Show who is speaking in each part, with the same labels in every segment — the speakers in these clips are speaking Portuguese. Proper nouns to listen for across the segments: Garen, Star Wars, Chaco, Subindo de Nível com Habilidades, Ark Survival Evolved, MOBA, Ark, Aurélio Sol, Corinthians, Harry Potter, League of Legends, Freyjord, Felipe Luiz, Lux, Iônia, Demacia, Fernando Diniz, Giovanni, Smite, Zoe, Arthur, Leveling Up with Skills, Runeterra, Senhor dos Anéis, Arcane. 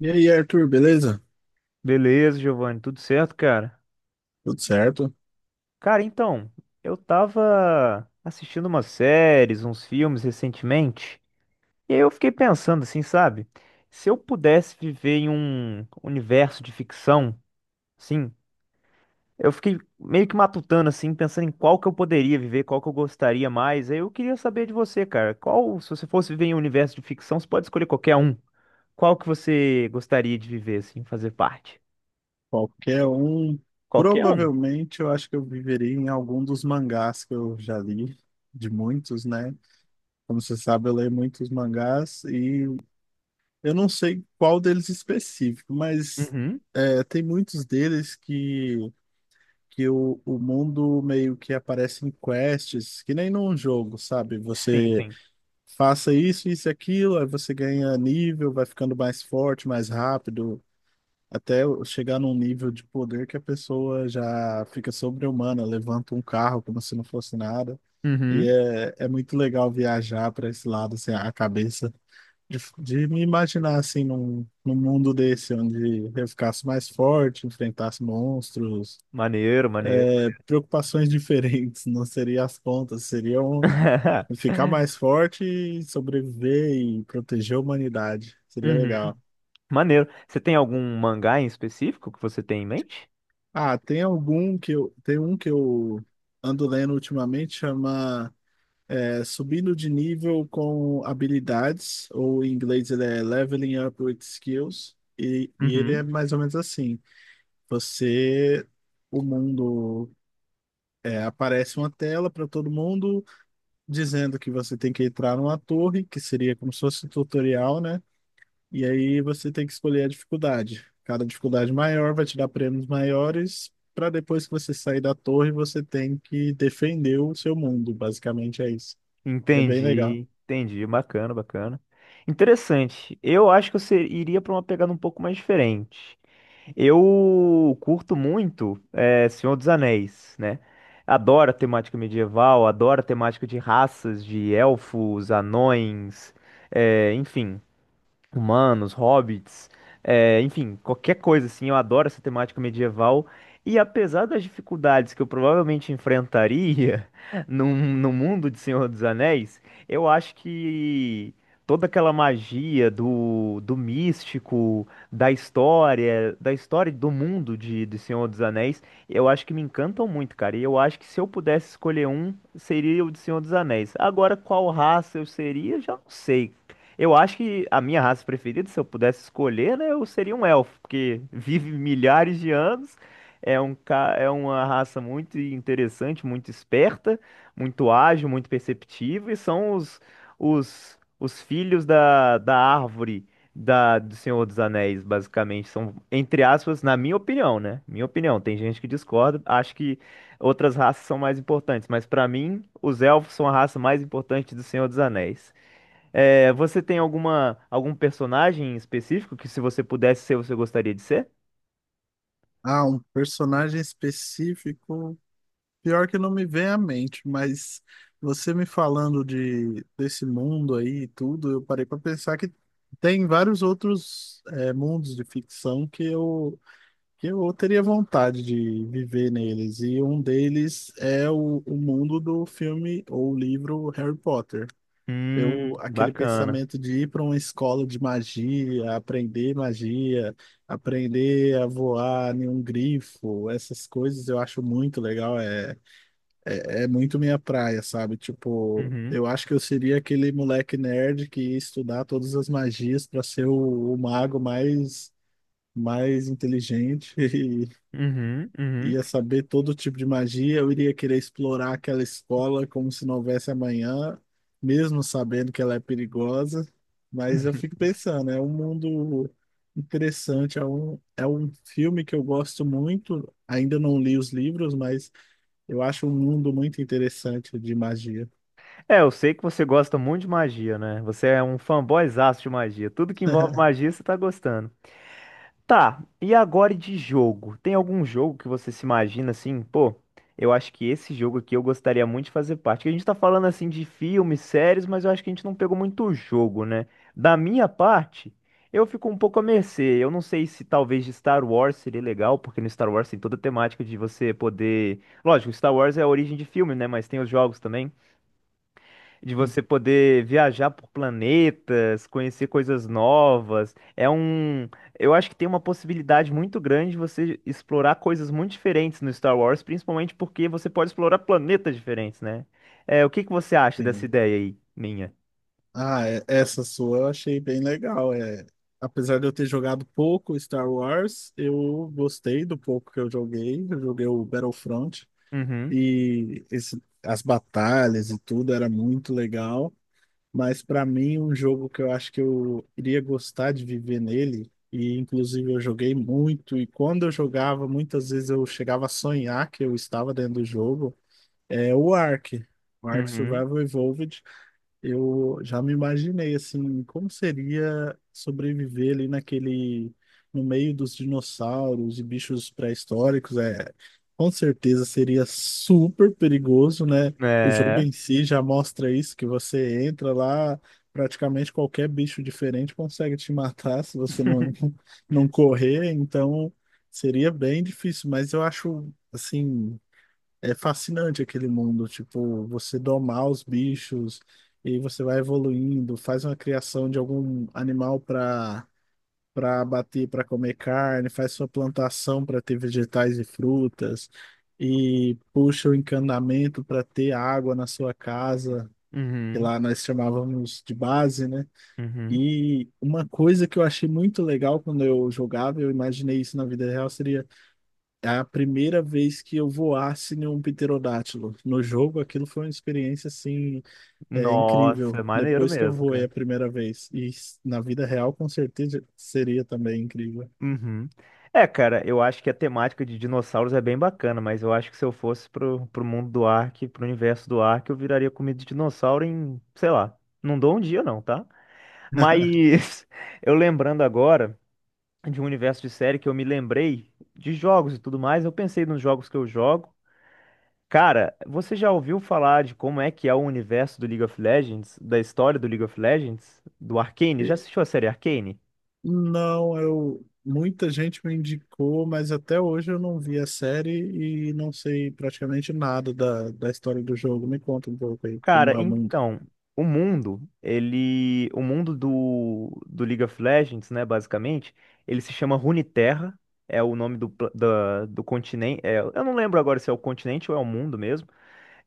Speaker 1: E aí, Arthur, beleza?
Speaker 2: Beleza, Giovanni, tudo certo, cara?
Speaker 1: Tudo certo?
Speaker 2: Cara, então, eu tava assistindo umas séries, uns filmes recentemente, e aí eu fiquei pensando assim, sabe? Se eu pudesse viver em um universo de ficção, assim, eu fiquei meio que matutando assim, pensando em qual que eu poderia viver, qual que eu gostaria mais. Aí eu queria saber de você, cara, qual, se você fosse viver em um universo de ficção, você pode escolher qualquer um. Qual que você gostaria de viver assim, fazer parte?
Speaker 1: Qualquer um.
Speaker 2: Qualquer um.
Speaker 1: Provavelmente eu acho que eu viveria em algum dos mangás que eu já li, de muitos, né? Como você sabe, eu leio muitos mangás e eu não sei qual deles específico, mas
Speaker 2: Uhum.
Speaker 1: tem muitos deles que o mundo meio que aparece em quests, que nem num jogo, sabe?
Speaker 2: Sim,
Speaker 1: Você
Speaker 2: sim.
Speaker 1: faça isso, isso e aquilo, aí você ganha nível, vai ficando mais forte, mais rápido. Até eu chegar num nível de poder que a pessoa já fica sobre-humana, levanta um carro como se não fosse nada. E
Speaker 2: Uhum.
Speaker 1: é, é muito legal viajar para esse lado, assim, a cabeça, de me imaginar, assim, num mundo desse, onde eu ficasse mais forte, enfrentasse monstros,
Speaker 2: Maneiro, maneiro.
Speaker 1: preocupações diferentes, não seria as contas, seriam ficar mais forte e sobreviver e proteger a humanidade. Seria
Speaker 2: Uhum,
Speaker 1: legal.
Speaker 2: maneiro. Você tem algum mangá em específico que você tem em mente?
Speaker 1: Ah, tem um que eu ando lendo ultimamente, chama Subindo de Nível com Habilidades, ou em inglês ele é Leveling Up with Skills, e ele é
Speaker 2: Uhum.
Speaker 1: mais ou menos assim. Você, o mundo, aparece uma tela para todo mundo dizendo que você tem que entrar numa torre, que seria como se fosse um tutorial, né? E aí você tem que escolher a dificuldade. Cada dificuldade maior vai te dar prêmios maiores, para depois que você sair da torre, você tem que defender o seu mundo. Basicamente é isso. E é bem legal.
Speaker 2: Entendi, entendi. Bacana, bacana. Interessante. Eu acho que iria para uma pegada um pouco mais diferente. Eu curto muito Senhor dos Anéis, né? Adoro a temática medieval, adoro a temática de raças, de elfos, anões, eh, enfim. Humanos, hobbits, é, enfim, qualquer coisa assim. Eu adoro essa temática medieval. E apesar das dificuldades que eu provavelmente enfrentaria no mundo de Senhor dos Anéis, eu acho que toda aquela magia do místico, da história e do mundo de Senhor dos Anéis, eu acho que me encantam muito, cara. E eu acho que se eu pudesse escolher um, seria o de Senhor dos Anéis. Agora, qual raça eu seria, eu já não sei, eu acho que a minha raça preferida, se eu pudesse escolher, né, eu seria um elfo, porque vive milhares de anos, é um, é uma raça muito interessante, muito esperta, muito ágil, muito perceptiva, e são os filhos da árvore do Senhor dos Anéis, basicamente. São, entre aspas, na minha opinião, né? Minha opinião, tem gente que discorda, acho que outras raças são mais importantes, mas para mim, os elfos são a raça mais importante do Senhor dos Anéis. É, você tem algum personagem específico que se você pudesse ser, você gostaria de ser?
Speaker 1: Ah, um personagem específico, pior que não me vem à mente, mas você me falando de desse mundo aí e tudo, eu parei para pensar que tem vários outros mundos de ficção que eu teria vontade de viver neles. E um deles é o mundo do filme ou livro Harry Potter. Eu, aquele
Speaker 2: Bacana.
Speaker 1: pensamento de ir para uma escola de magia, aprender a voar em um grifo, essas coisas eu acho muito legal, é, é muito minha praia, sabe? Tipo,
Speaker 2: Uhum,
Speaker 1: eu acho que eu seria aquele moleque nerd que ia estudar todas as magias para ser o mago mais mais inteligente.
Speaker 2: uhum.
Speaker 1: Ia saber todo tipo de magia, eu iria querer explorar aquela escola como se não houvesse amanhã, mesmo sabendo que ela é perigosa. Mas eu fico pensando, é um mundo interessante, é um filme que eu gosto muito. Ainda não li os livros, mas eu acho um mundo muito interessante de magia.
Speaker 2: É, eu sei que você gosta muito de magia, né? Você é um fanboyzaço de magia. Tudo que envolve magia, você tá gostando. Tá, e agora de jogo? Tem algum jogo que você se imagina assim, pô, eu acho que esse jogo aqui eu gostaria muito de fazer parte. Que a gente tá falando assim de filmes, séries, mas eu acho que a gente não pegou muito jogo, né? Da minha parte, eu fico um pouco à mercê. Eu não sei se talvez de Star Wars seria legal, porque no Star Wars tem toda a temática de você poder. Lógico, Star Wars é a origem de filme, né? Mas tem os jogos também de você poder viajar por planetas, conhecer coisas novas. É um, eu acho que tem uma possibilidade muito grande de você explorar coisas muito diferentes no Star Wars, principalmente porque você pode explorar planetas diferentes, né? É, o que que você acha dessa
Speaker 1: Sim.
Speaker 2: ideia aí, minha?
Speaker 1: Ah, essa sua eu achei bem legal. É, apesar de eu ter jogado pouco Star Wars, eu gostei do pouco que eu joguei. Eu joguei o Battlefront
Speaker 2: Uhum,
Speaker 1: e as batalhas e tudo era muito legal. Mas para mim, um jogo que eu acho que eu iria gostar de viver nele, e inclusive eu joguei muito, e quando eu jogava, muitas vezes eu chegava a sonhar que eu estava dentro do jogo, é o Ark. O Ark
Speaker 2: uhum,
Speaker 1: Survival Evolved. Eu já me imaginei assim, como seria sobreviver ali naquele no meio dos dinossauros e bichos pré-históricos, é, com certeza seria super perigoso, né? O jogo
Speaker 2: é.
Speaker 1: em si já mostra isso, que você entra lá, praticamente qualquer bicho diferente consegue te matar se você não não correr, então seria bem difícil, mas eu acho assim, é fascinante aquele mundo, tipo, você domar os bichos e você vai evoluindo, faz uma criação de algum animal para para abater, para comer carne, faz sua plantação para ter vegetais e frutas e puxa o encanamento para ter água na sua casa, que
Speaker 2: Uhum,
Speaker 1: lá nós chamávamos de base, né?
Speaker 2: uhum.
Speaker 1: E uma coisa que eu achei muito legal quando eu jogava, eu imaginei isso na vida real, seria a primeira vez que eu voasse em um pterodátilo. No jogo, aquilo foi uma experiência assim, é,
Speaker 2: Nossa,
Speaker 1: incrível.
Speaker 2: maneiro
Speaker 1: Depois que eu
Speaker 2: mesmo,
Speaker 1: voei
Speaker 2: cara.
Speaker 1: a primeira vez. Na vida real, com certeza, seria também incrível.
Speaker 2: Uhum. É, cara, eu acho que a temática de dinossauros é bem bacana, mas eu acho que se eu fosse pro mundo do Ark, pro universo do Ark, eu viraria comida de dinossauro em, sei lá, não dou um dia não, tá? Mas eu lembrando agora de um universo de série que eu me lembrei de jogos e tudo mais, eu pensei nos jogos que eu jogo. Cara, você já ouviu falar de como é que é o universo do League of Legends, da história do League of Legends, do Arcane? Já
Speaker 1: E,
Speaker 2: assistiu a série Arcane?
Speaker 1: não, eu. Muita gente me indicou, mas até hoje eu não vi a série e não sei praticamente nada da história do jogo. Me conta um pouco aí
Speaker 2: Cara,
Speaker 1: como é o mundo.
Speaker 2: então, o mundo do League of Legends, né, basicamente, ele se chama Runeterra, é o nome do continente, é, eu não lembro agora se é o continente ou é o mundo mesmo,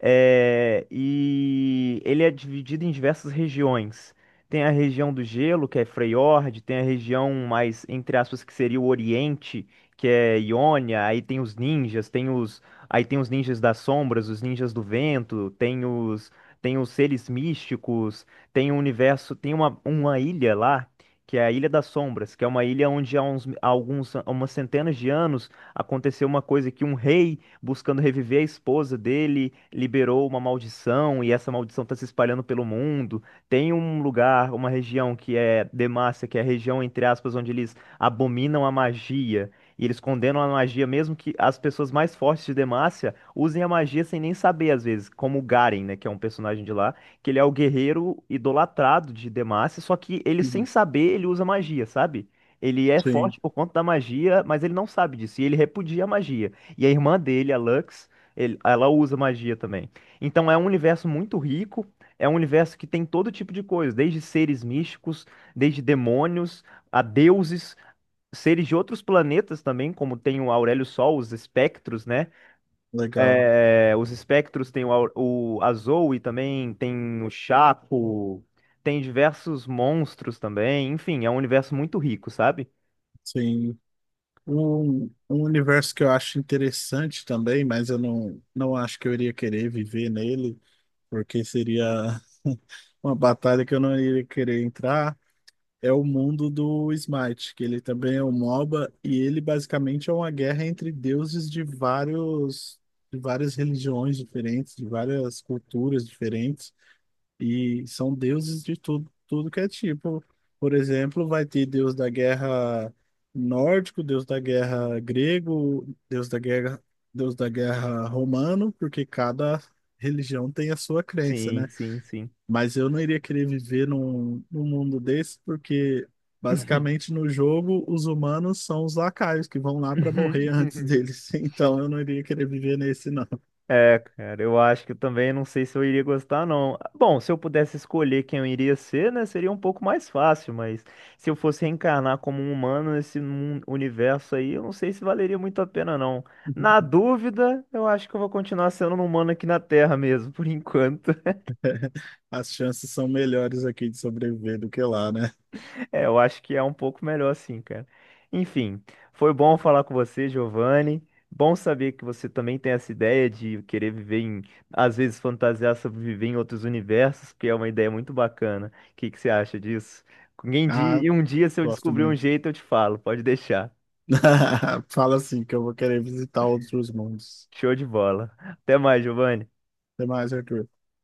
Speaker 2: é, e ele é dividido em diversas regiões. Tem a região do gelo, que é Freyjord. Tem a região mais, entre aspas, que seria o Oriente, que é Iônia, aí tem os ninjas, aí tem os ninjas das sombras, os ninjas do vento, tem os seres místicos, tem o universo, tem uma ilha lá, que é a Ilha das Sombras, que é uma ilha onde há uns, há alguns, há umas centenas de anos aconteceu uma coisa que um rei buscando reviver a esposa dele, liberou uma maldição e essa maldição está se espalhando pelo mundo. Tem um lugar, uma região que é Demacia, que é a região, entre aspas, onde eles abominam a magia. E eles condenam a magia, mesmo que as pessoas mais fortes de Demacia usem a magia sem nem saber, às vezes, como o Garen, né, que é um personagem de lá, que ele é o guerreiro idolatrado de Demacia, só que ele, sem
Speaker 1: Uhum.
Speaker 2: saber, ele usa magia, sabe? Ele é
Speaker 1: Sim,
Speaker 2: forte por conta da magia, mas ele não sabe disso, e ele repudia a magia. E a irmã dele, a Lux, ela usa magia também. Então é um universo muito rico, é um universo que tem todo tipo de coisa, desde seres místicos, desde demônios, a deuses, seres de outros planetas também, como tem o Aurélio Sol, os espectros, né?
Speaker 1: legal.
Speaker 2: É, os espectros tem o, Au- o a Zoe também, tem o Chaco, tem diversos monstros também. Enfim, é um universo muito rico, sabe?
Speaker 1: Sim. Um universo que eu acho interessante também, mas eu não acho que eu iria querer viver nele, porque seria uma batalha que eu não iria querer entrar, é o mundo do Smite, que ele também é um MOBA, e ele basicamente é uma guerra entre deuses de vários, de várias religiões diferentes, de várias culturas diferentes. E são deuses de tudo, tudo que é tipo. Por exemplo, vai ter deus da guerra nórdico, deus da guerra grego, deus da guerra romano, porque cada religião tem a sua crença,
Speaker 2: Sim,
Speaker 1: né?
Speaker 2: sim, sim.
Speaker 1: Mas eu não iria querer viver num mundo desse, porque basicamente no jogo os humanos são os lacaios que vão lá para morrer antes deles. Então eu não iria querer viver nesse, não.
Speaker 2: É, cara, eu acho que eu também não sei se eu iria gostar, não. Bom, se eu pudesse escolher quem eu iria ser, né, seria um pouco mais fácil, mas se eu fosse reencarnar como um humano universo aí, eu não sei se valeria muito a pena, não. Na dúvida, eu acho que eu vou continuar sendo um humano aqui na Terra mesmo, por enquanto.
Speaker 1: As chances são melhores aqui de sobreviver do que lá, né?
Speaker 2: É, eu acho que é um pouco melhor assim, cara. Enfim, foi bom falar com você, Giovanni. Bom saber que você também tem essa ideia de querer viver em, às vezes fantasiar sobre viver em outros universos, que é uma ideia muito bacana. O que que você acha disso? Em dia,
Speaker 1: Ah,
Speaker 2: e um dia, se eu
Speaker 1: gosto
Speaker 2: descobrir um
Speaker 1: muito.
Speaker 2: jeito, eu te falo. Pode deixar.
Speaker 1: Fala assim que eu vou querer visitar outros mundos.
Speaker 2: Show de bola. Até mais, Giovanni.
Speaker 1: Até mais, Arthur.